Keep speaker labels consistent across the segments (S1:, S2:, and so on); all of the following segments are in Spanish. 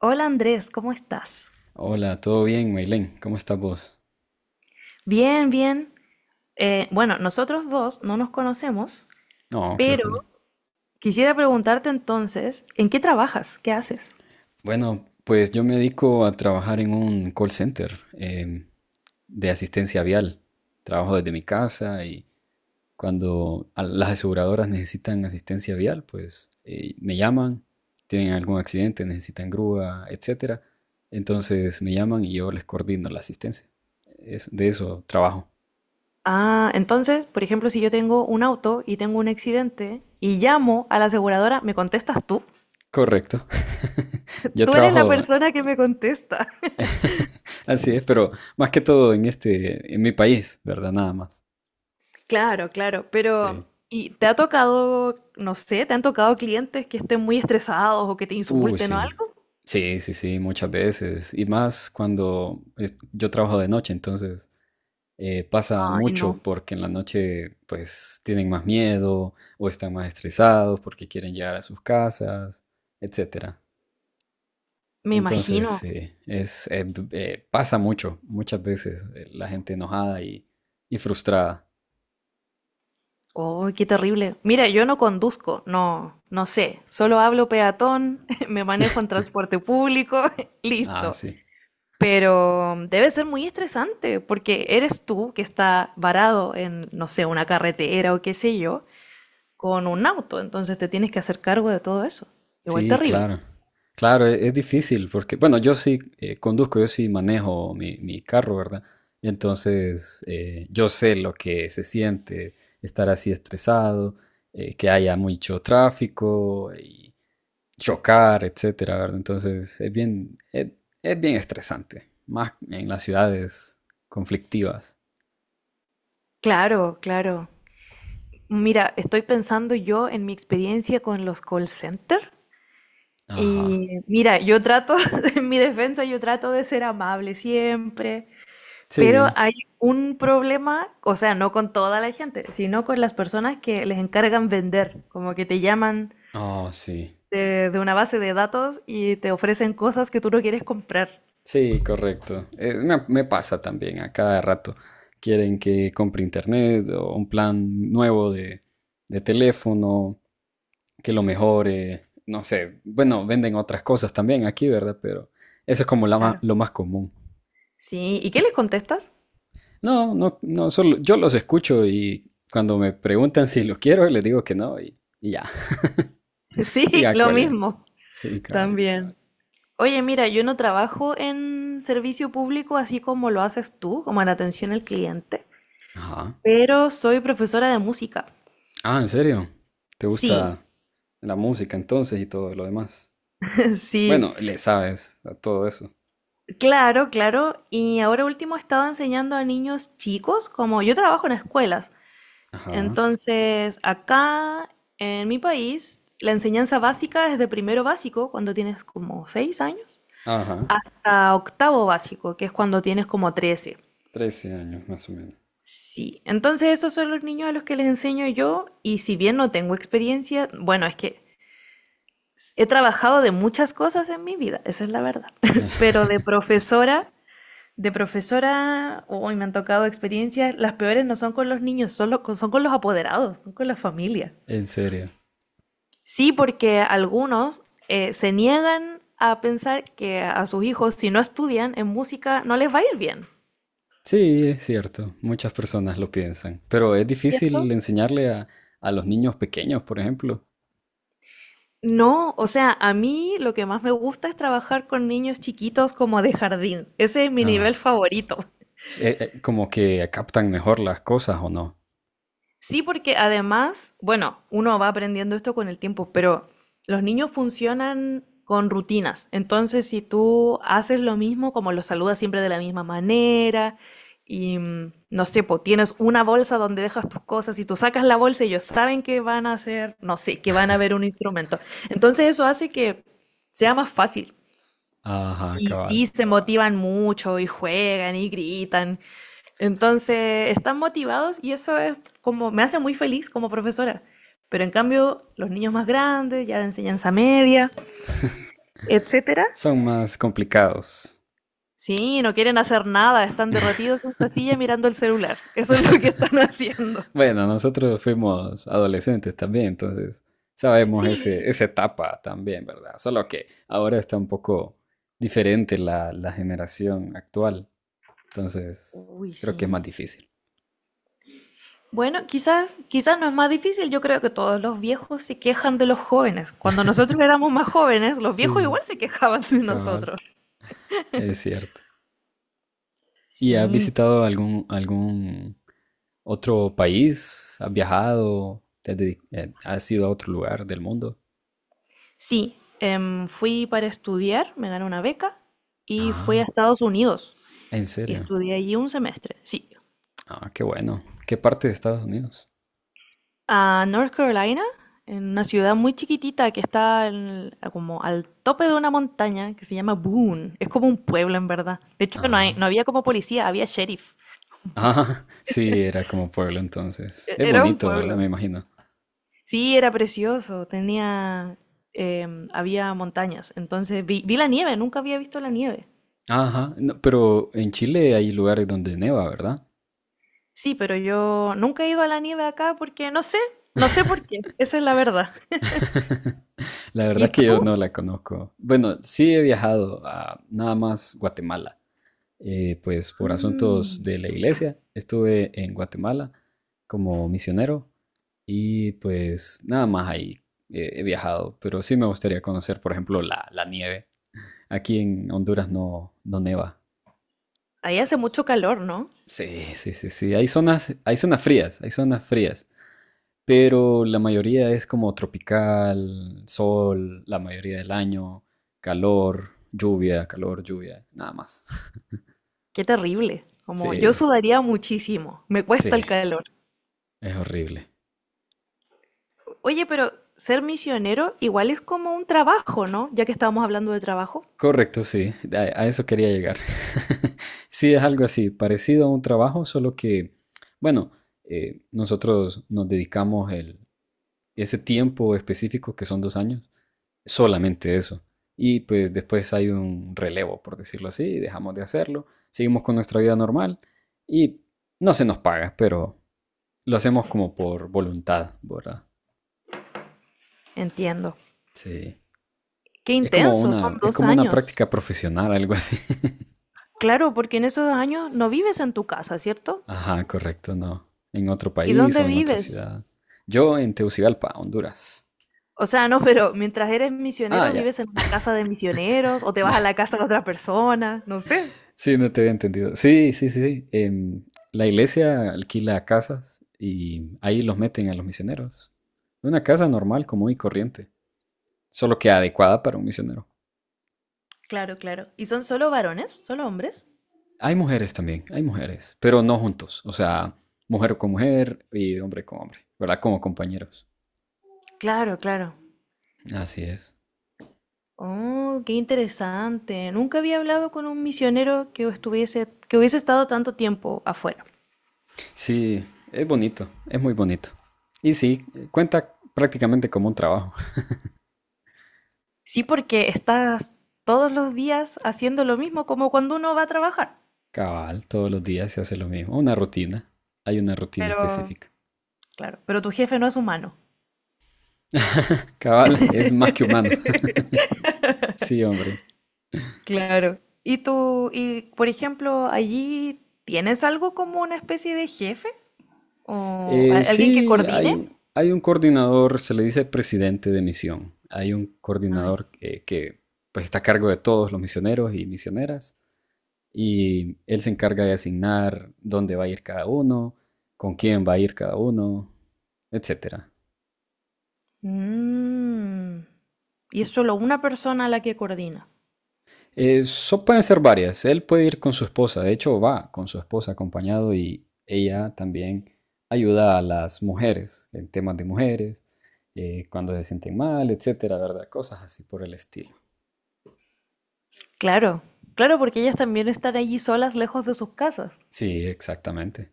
S1: Hola Andrés, ¿cómo estás?
S2: Hola, ¿todo bien, Maylen? ¿Cómo estás vos?
S1: Bien, bien. Bueno, nosotros dos no nos conocemos,
S2: No, claro
S1: pero
S2: que no.
S1: quisiera preguntarte entonces, ¿en qué trabajas? ¿Qué haces?
S2: Bueno, pues yo me dedico a trabajar en un call center de asistencia vial. Trabajo desde mi casa y cuando las aseguradoras necesitan asistencia vial, pues me llaman, tienen algún accidente, necesitan grúa, etcétera. Entonces me llaman y yo les coordino la asistencia. De eso trabajo.
S1: Ah, entonces, por ejemplo, si yo tengo un auto y tengo un accidente y llamo a la aseguradora, ¿me contestas tú?
S2: Correcto. Yo
S1: Tú eres la
S2: trabajo.
S1: persona que me contesta.
S2: Así es, pero más que todo en mi país, ¿verdad? Nada más.
S1: Claro, claro, pero
S2: Sí.
S1: ¿y te ha tocado, no sé, te han tocado clientes que estén muy estresados o que te
S2: Uy,
S1: insulten o
S2: sí.
S1: algo?
S2: Sí, sí, sí, muchas veces. Y más yo trabajo de noche, entonces pasa
S1: Ay,
S2: mucho
S1: no,
S2: porque en la noche pues tienen más miedo o están más estresados porque quieren llegar a sus casas, etcétera.
S1: me
S2: Entonces,
S1: imagino.
S2: sí, pasa mucho, muchas veces la gente enojada y frustrada.
S1: Oh, qué terrible. Mira, yo no conduzco, no, no sé. Solo hablo peatón, me manejo en transporte público,
S2: Ah,
S1: listo.
S2: sí.
S1: Pero debe ser muy estresante porque eres tú que está varado en, no sé, una carretera o qué sé yo, con un auto. Entonces te tienes que hacer cargo de todo eso. Igual
S2: Sí,
S1: terrible.
S2: claro. Claro, es difícil porque, bueno, yo sí conduzco, yo sí manejo mi carro, ¿verdad? Entonces yo sé lo que se siente estar así estresado, que haya mucho tráfico y chocar, etcétera, ¿verdad? Entonces, es bien estresante, más en las ciudades conflictivas.
S1: Claro, claro. Mira, estoy pensando yo en mi experiencia con los call center.
S2: Ajá.
S1: Y mira, yo trato, en mi defensa, yo trato de ser amable siempre. Pero
S2: Sí.
S1: hay un problema, o sea, no con toda la gente, sino con las personas que les encargan vender, como que te llaman
S2: Oh, sí.
S1: de una base de datos y te ofrecen cosas que tú no quieres comprar.
S2: Sí, correcto. Me pasa también a cada rato. Quieren que compre internet o un plan nuevo de teléfono, que lo mejore. No sé, bueno, venden otras cosas también aquí, ¿verdad? Pero eso es como
S1: Claro.
S2: lo más común.
S1: Sí, ¿y qué les contestas?
S2: No, no, no, solo yo los escucho y cuando me preguntan si lo quiero, les digo que no y ya, y
S1: Sí,
S2: ya
S1: lo
S2: cuelgan.
S1: mismo,
S2: Sí, cabal.
S1: también. Oye, mira, yo no trabajo en servicio público así como lo haces tú, como en atención al cliente,
S2: Ajá.
S1: pero soy profesora de música.
S2: Ah, ¿en serio? ¿Te
S1: Sí,
S2: gusta la música entonces y todo lo demás?
S1: sí.
S2: Bueno, le sabes a todo eso.
S1: Claro, claro. Y ahora último he estado enseñando a niños chicos, como yo trabajo en escuelas.
S2: Ajá,
S1: Entonces, acá en mi país, la enseñanza básica es de primero básico, cuando tienes como 6 años,
S2: ajá.
S1: hasta octavo básico, que es cuando tienes como 13.
S2: 13 años más o menos.
S1: Sí, entonces esos son los niños a los que les enseño yo, y si bien no tengo experiencia, bueno, es que he trabajado de muchas cosas en mi vida, esa es la verdad, pero de profesora. De profesora, hoy me han tocado experiencias, las peores no son con los niños, son, son con los apoderados, son con las familias.
S2: En serio.
S1: Sí, porque algunos se niegan a pensar que a sus hijos, si no estudian en música, no les va a ir bien.
S2: Sí, es cierto. Muchas personas lo piensan. Pero es difícil
S1: ¿Cierto?
S2: enseñarle a los niños pequeños, por ejemplo.
S1: No, o sea, a mí lo que más me gusta es trabajar con niños chiquitos como de jardín. Ese es mi nivel
S2: Ah,
S1: favorito.
S2: como que captan mejor las cosas o no.
S1: Sí, porque además, bueno, uno va aprendiendo esto con el tiempo, pero los niños funcionan con rutinas. Entonces, si tú haces lo mismo, como los saludas siempre de la misma manera, y no sé, pues tienes una bolsa donde dejas tus cosas y tú sacas la bolsa y ellos saben que van a hacer, no sé, que van a ver un instrumento. Entonces, eso hace que sea más fácil.
S2: Ajá,
S1: Y
S2: cabal.
S1: sí, se motivan mucho y juegan y gritan. Entonces, están motivados y eso es como, me hace muy feliz como profesora. Pero en cambio, los niños más grandes, ya de enseñanza media, etcétera,
S2: Son más complicados.
S1: sí, no quieren hacer nada, están derretidos en esta silla mirando el celular. Eso es lo que están haciendo.
S2: Bueno, nosotros fuimos adolescentes también, entonces sabemos
S1: Sí.
S2: esa etapa también, ¿verdad? Solo que ahora está un poco diferente la generación actual, entonces
S1: Uy,
S2: creo
S1: sí.
S2: que es más difícil.
S1: Bueno, quizás, quizás no es más difícil. Yo creo que todos los viejos se quejan de los jóvenes. Cuando nosotros éramos más jóvenes, los viejos
S2: Sí,
S1: igual se quejaban de
S2: cabal,
S1: nosotros.
S2: es cierto. ¿Y has
S1: Sí.
S2: visitado algún otro país? ¿Has viajado? ¿ Has ido a otro lugar del mundo?
S1: Sí, fui para estudiar, me gané una beca y fui a
S2: Ah,
S1: Estados Unidos
S2: ¿en
S1: y
S2: serio?
S1: estudié allí un semestre, sí.
S2: Ah, qué bueno. ¿Qué parte de Estados Unidos?
S1: A North Carolina, en una ciudad muy chiquitita que está como al tope de una montaña que se llama Boone. Es como un pueblo en verdad. De hecho,
S2: Ah.
S1: no había como policía, había sheriff.
S2: Ajá, sí, era como pueblo entonces. Es
S1: Era un
S2: bonito, ¿verdad?
S1: pueblo.
S2: Me imagino.
S1: Sí, era precioso, tenía, había montañas, entonces vi la nieve, nunca había visto la nieve.
S2: Ajá, no, pero en Chile hay lugares donde neva, ¿verdad?
S1: Sí, pero yo nunca he ido a la nieve acá porque no sé, no sé por qué, esa es la verdad.
S2: La verdad
S1: ¿Y
S2: es que yo
S1: tú?
S2: no la conozco. Bueno, sí he viajado a nada más Guatemala. Pues por asuntos
S1: Mm,
S2: de la iglesia, estuve en Guatemala como misionero y pues nada más ahí he viajado. Pero sí me gustaría conocer, por ejemplo, la nieve. Aquí en Honduras no, no neva.
S1: ahí hace mucho calor, ¿no?
S2: Sí, sí, sí, sí. Hay zonas frías, pero la mayoría es como tropical, sol, la mayoría del año, calor, lluvia, nada más.
S1: Qué terrible. Como yo
S2: Sí,
S1: sudaría muchísimo, me cuesta
S2: sí,
S1: el calor.
S2: es horrible.
S1: Oye, pero ser misionero igual es como un trabajo, ¿no? Ya que estábamos hablando de trabajo.
S2: Correcto, sí, a eso quería llegar. Sí, es algo así, parecido a un trabajo, solo que, bueno, nosotros nos dedicamos ese tiempo específico, que son 2 años, solamente eso. Y pues después hay un relevo, por decirlo así, dejamos de hacerlo, seguimos con nuestra vida normal y no se nos paga, pero lo hacemos como por voluntad, ¿verdad?
S1: Entiendo.
S2: Sí.
S1: Qué intenso, son
S2: Es
S1: dos
S2: como una
S1: años.
S2: práctica profesional, algo así.
S1: Claro, porque en esos años no vives en tu casa, ¿cierto?
S2: Ajá, correcto, no. En otro
S1: ¿Y
S2: país
S1: dónde
S2: o en otra
S1: vives?
S2: ciudad. Yo en Tegucigalpa, Honduras.
S1: O sea, no, pero mientras eres
S2: Ah,
S1: misionero,
S2: ya.
S1: vives en una casa de misioneros o te vas a la casa de otra persona, no sé.
S2: Sí, no te había entendido. Sí, sí, sí. La iglesia alquila casas y ahí los meten a los misioneros. Una casa normal, común y corriente, solo que adecuada para un misionero.
S1: Claro, claro. ¿Y son solo varones? ¿Solo hombres?
S2: Hay mujeres también, hay mujeres, pero no juntos. O sea, mujer con mujer y hombre con hombre, ¿verdad? Como compañeros.
S1: Claro, claro.
S2: Así es.
S1: Oh, qué interesante. Nunca había hablado con un misionero que estuviese, que hubiese estado tanto tiempo afuera.
S2: Sí, es bonito, es muy bonito. Y sí, cuenta prácticamente como un trabajo.
S1: Sí, porque estás todos los días haciendo lo mismo como cuando uno va a trabajar.
S2: Cabal, todos los días se hace lo mismo, una rutina. Hay una rutina
S1: Pero,
S2: específica.
S1: claro, pero tu jefe no es humano.
S2: Cabal, es más que humano. Sí, hombre.
S1: Claro. ¿Y tú, y por ejemplo, allí tienes algo como una especie de jefe o alguien que
S2: Sí,
S1: coordine?
S2: hay un coordinador, se le dice presidente de misión. Hay un
S1: Ah, ya.
S2: coordinador que pues, está a cargo de todos los misioneros y misioneras y él se encarga de asignar dónde va a ir cada uno, con quién va a ir cada uno, etcétera.
S1: Mm. Y es solo una persona la que coordina.
S2: Eso pueden ser varias. Él puede ir con su esposa. De hecho, va con su esposa acompañado y ella también ayuda a las mujeres en temas de mujeres, cuando se sienten mal, etcétera, ¿verdad? Cosas así por el estilo.
S1: Claro, claro, porque ellas también están allí solas, lejos de sus casas.
S2: Sí, exactamente.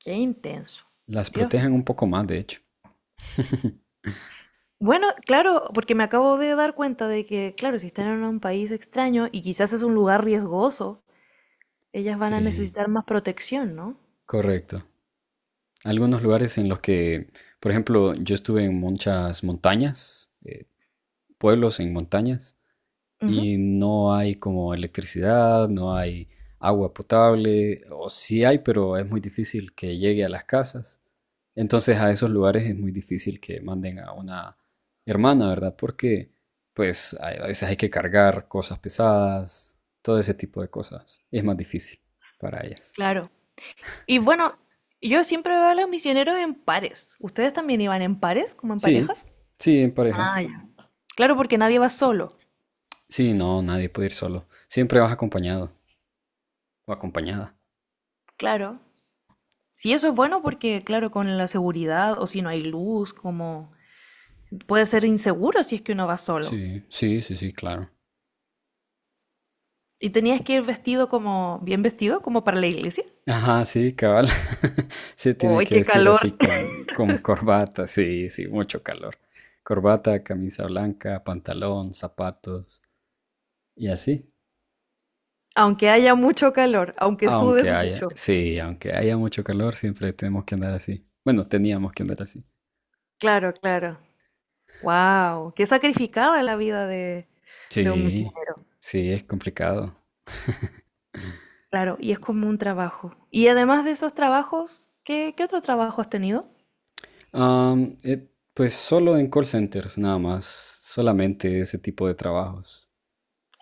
S1: Qué intenso.
S2: Las
S1: Dios.
S2: protegen un poco más, de hecho.
S1: Bueno, claro, porque me acabo de dar cuenta de que, claro, si están en un país extraño y quizás es un lugar riesgoso, ellas van a
S2: Sí,
S1: necesitar más protección, ¿no?
S2: correcto. Algunos lugares en los que, por ejemplo, yo estuve en muchas montañas, pueblos en montañas,
S1: Ujú.
S2: y no hay como electricidad, no hay agua potable, o sí hay, pero es muy difícil que llegue a las casas. Entonces a esos lugares es muy difícil que manden a una hermana, ¿verdad? Porque pues a veces hay que cargar cosas pesadas, todo ese tipo de cosas. Es más difícil para ellas.
S1: Claro. Y bueno, yo siempre veo a los misioneros en pares. ¿Ustedes también iban en pares, como en
S2: Sí,
S1: parejas?
S2: sí, en
S1: Ah,
S2: parejas.
S1: ya. Claro, porque nadie va solo.
S2: Sí, no, nadie puede ir solo. Siempre vas acompañado o acompañada.
S1: Claro. Sí, eso es bueno porque, claro, con la seguridad o si no hay luz, como puede ser inseguro si es que uno va solo.
S2: Sí, sí, sí, sí, claro.
S1: Y tenías que ir vestido como, bien vestido, como para la iglesia.
S2: Ajá, sí, cabal. Sí, tiene
S1: ¡Uy,
S2: que
S1: qué
S2: vestir así
S1: calor!
S2: con corbata, sí, sí, mucho calor. Corbata, camisa blanca, pantalón, zapatos y así.
S1: Aunque haya mucho calor, aunque sudes mucho.
S2: Aunque haya mucho calor, siempre tenemos que andar así. Bueno, teníamos que andar así.
S1: Claro, claro. Wow, qué sacrificada la vida de un
S2: Sí,
S1: misionero.
S2: sí, es complicado.
S1: Claro, y es como un trabajo. Y además de esos trabajos, ¿qué, qué otro trabajo has tenido?
S2: Am, eh, pues solo en call centers, nada más. Solamente ese tipo de trabajos.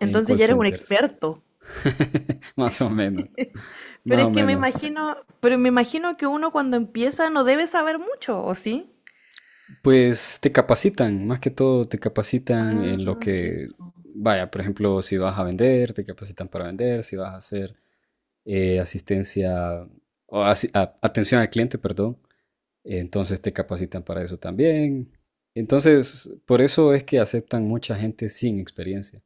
S2: En call
S1: ya eres un
S2: centers.
S1: experto.
S2: Más o menos,
S1: Pero
S2: más
S1: es
S2: o
S1: que me
S2: menos.
S1: imagino, pero me imagino que uno cuando empieza no debe saber mucho, ¿o sí?
S2: Pues te capacitan, más que todo te capacitan
S1: Ah, cierto.
S2: vaya, por ejemplo, si vas a vender, te capacitan para vender, si vas a hacer asistencia o atención al cliente, perdón, entonces te capacitan para eso también. Entonces, por eso es que aceptan mucha gente sin experiencia,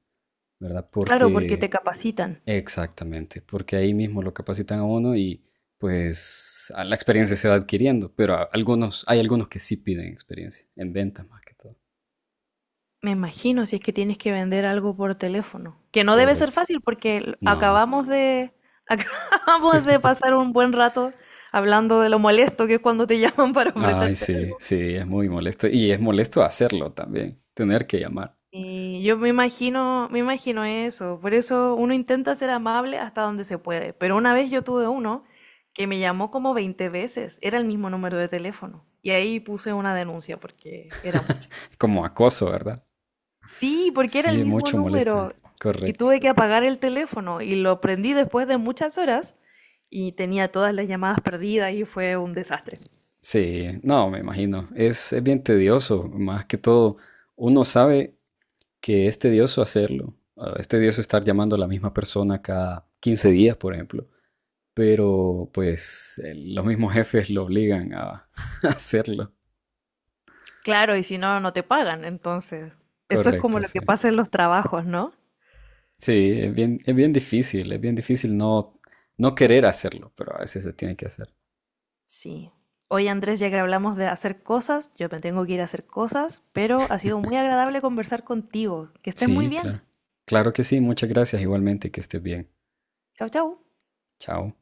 S2: ¿verdad?
S1: Claro, porque te
S2: Porque,
S1: capacitan.
S2: exactamente, porque ahí mismo lo capacitan a uno y pues a la experiencia se va adquiriendo, pero algunos, hay algunos que sí piden experiencia, en ventas más que todo.
S1: Me imagino si es que tienes que vender algo por teléfono, que no debe ser
S2: Correcto.
S1: fácil porque
S2: No.
S1: acabamos de acabamos de pasar un buen rato hablando de lo molesto que es cuando te llaman para
S2: Ay,
S1: ofrecerte
S2: sí,
S1: algo.
S2: sí, es muy molesto. Y es molesto hacerlo también, tener que llamar.
S1: Y yo me imagino eso. Por eso uno intenta ser amable hasta donde se puede. Pero una vez yo tuve uno que me llamó como 20 veces. Era el mismo número de teléfono. Y ahí puse una denuncia porque era mucho.
S2: Como acoso, ¿verdad?
S1: Sí, porque era el
S2: Sí,
S1: mismo
S2: mucho molesta.
S1: número. Y
S2: Correcto.
S1: tuve que apagar el teléfono. Y lo prendí después de muchas horas. Y tenía todas las llamadas perdidas y fue un desastre.
S2: Sí, no, me imagino. Es bien tedioso. Más que todo, uno sabe que es tedioso hacerlo. Ah, es tedioso estar llamando a la misma persona cada 15 días, por ejemplo. Pero pues los mismos jefes lo obligan a hacerlo.
S1: Claro, y si no, no te pagan. Entonces, eso es como
S2: Correcto,
S1: lo
S2: sí.
S1: que pasa en los trabajos, ¿no?
S2: Sí, es bien difícil, no querer hacerlo, pero a veces se tiene que hacer.
S1: Sí. Hoy Andrés, ya que hablamos de hacer cosas, yo me tengo que ir a hacer cosas, pero ha sido muy agradable conversar contigo. Que estés muy
S2: Sí,
S1: bien.
S2: claro. Claro que sí, muchas gracias igualmente, que estés bien.
S1: Chau, chau.
S2: Chao.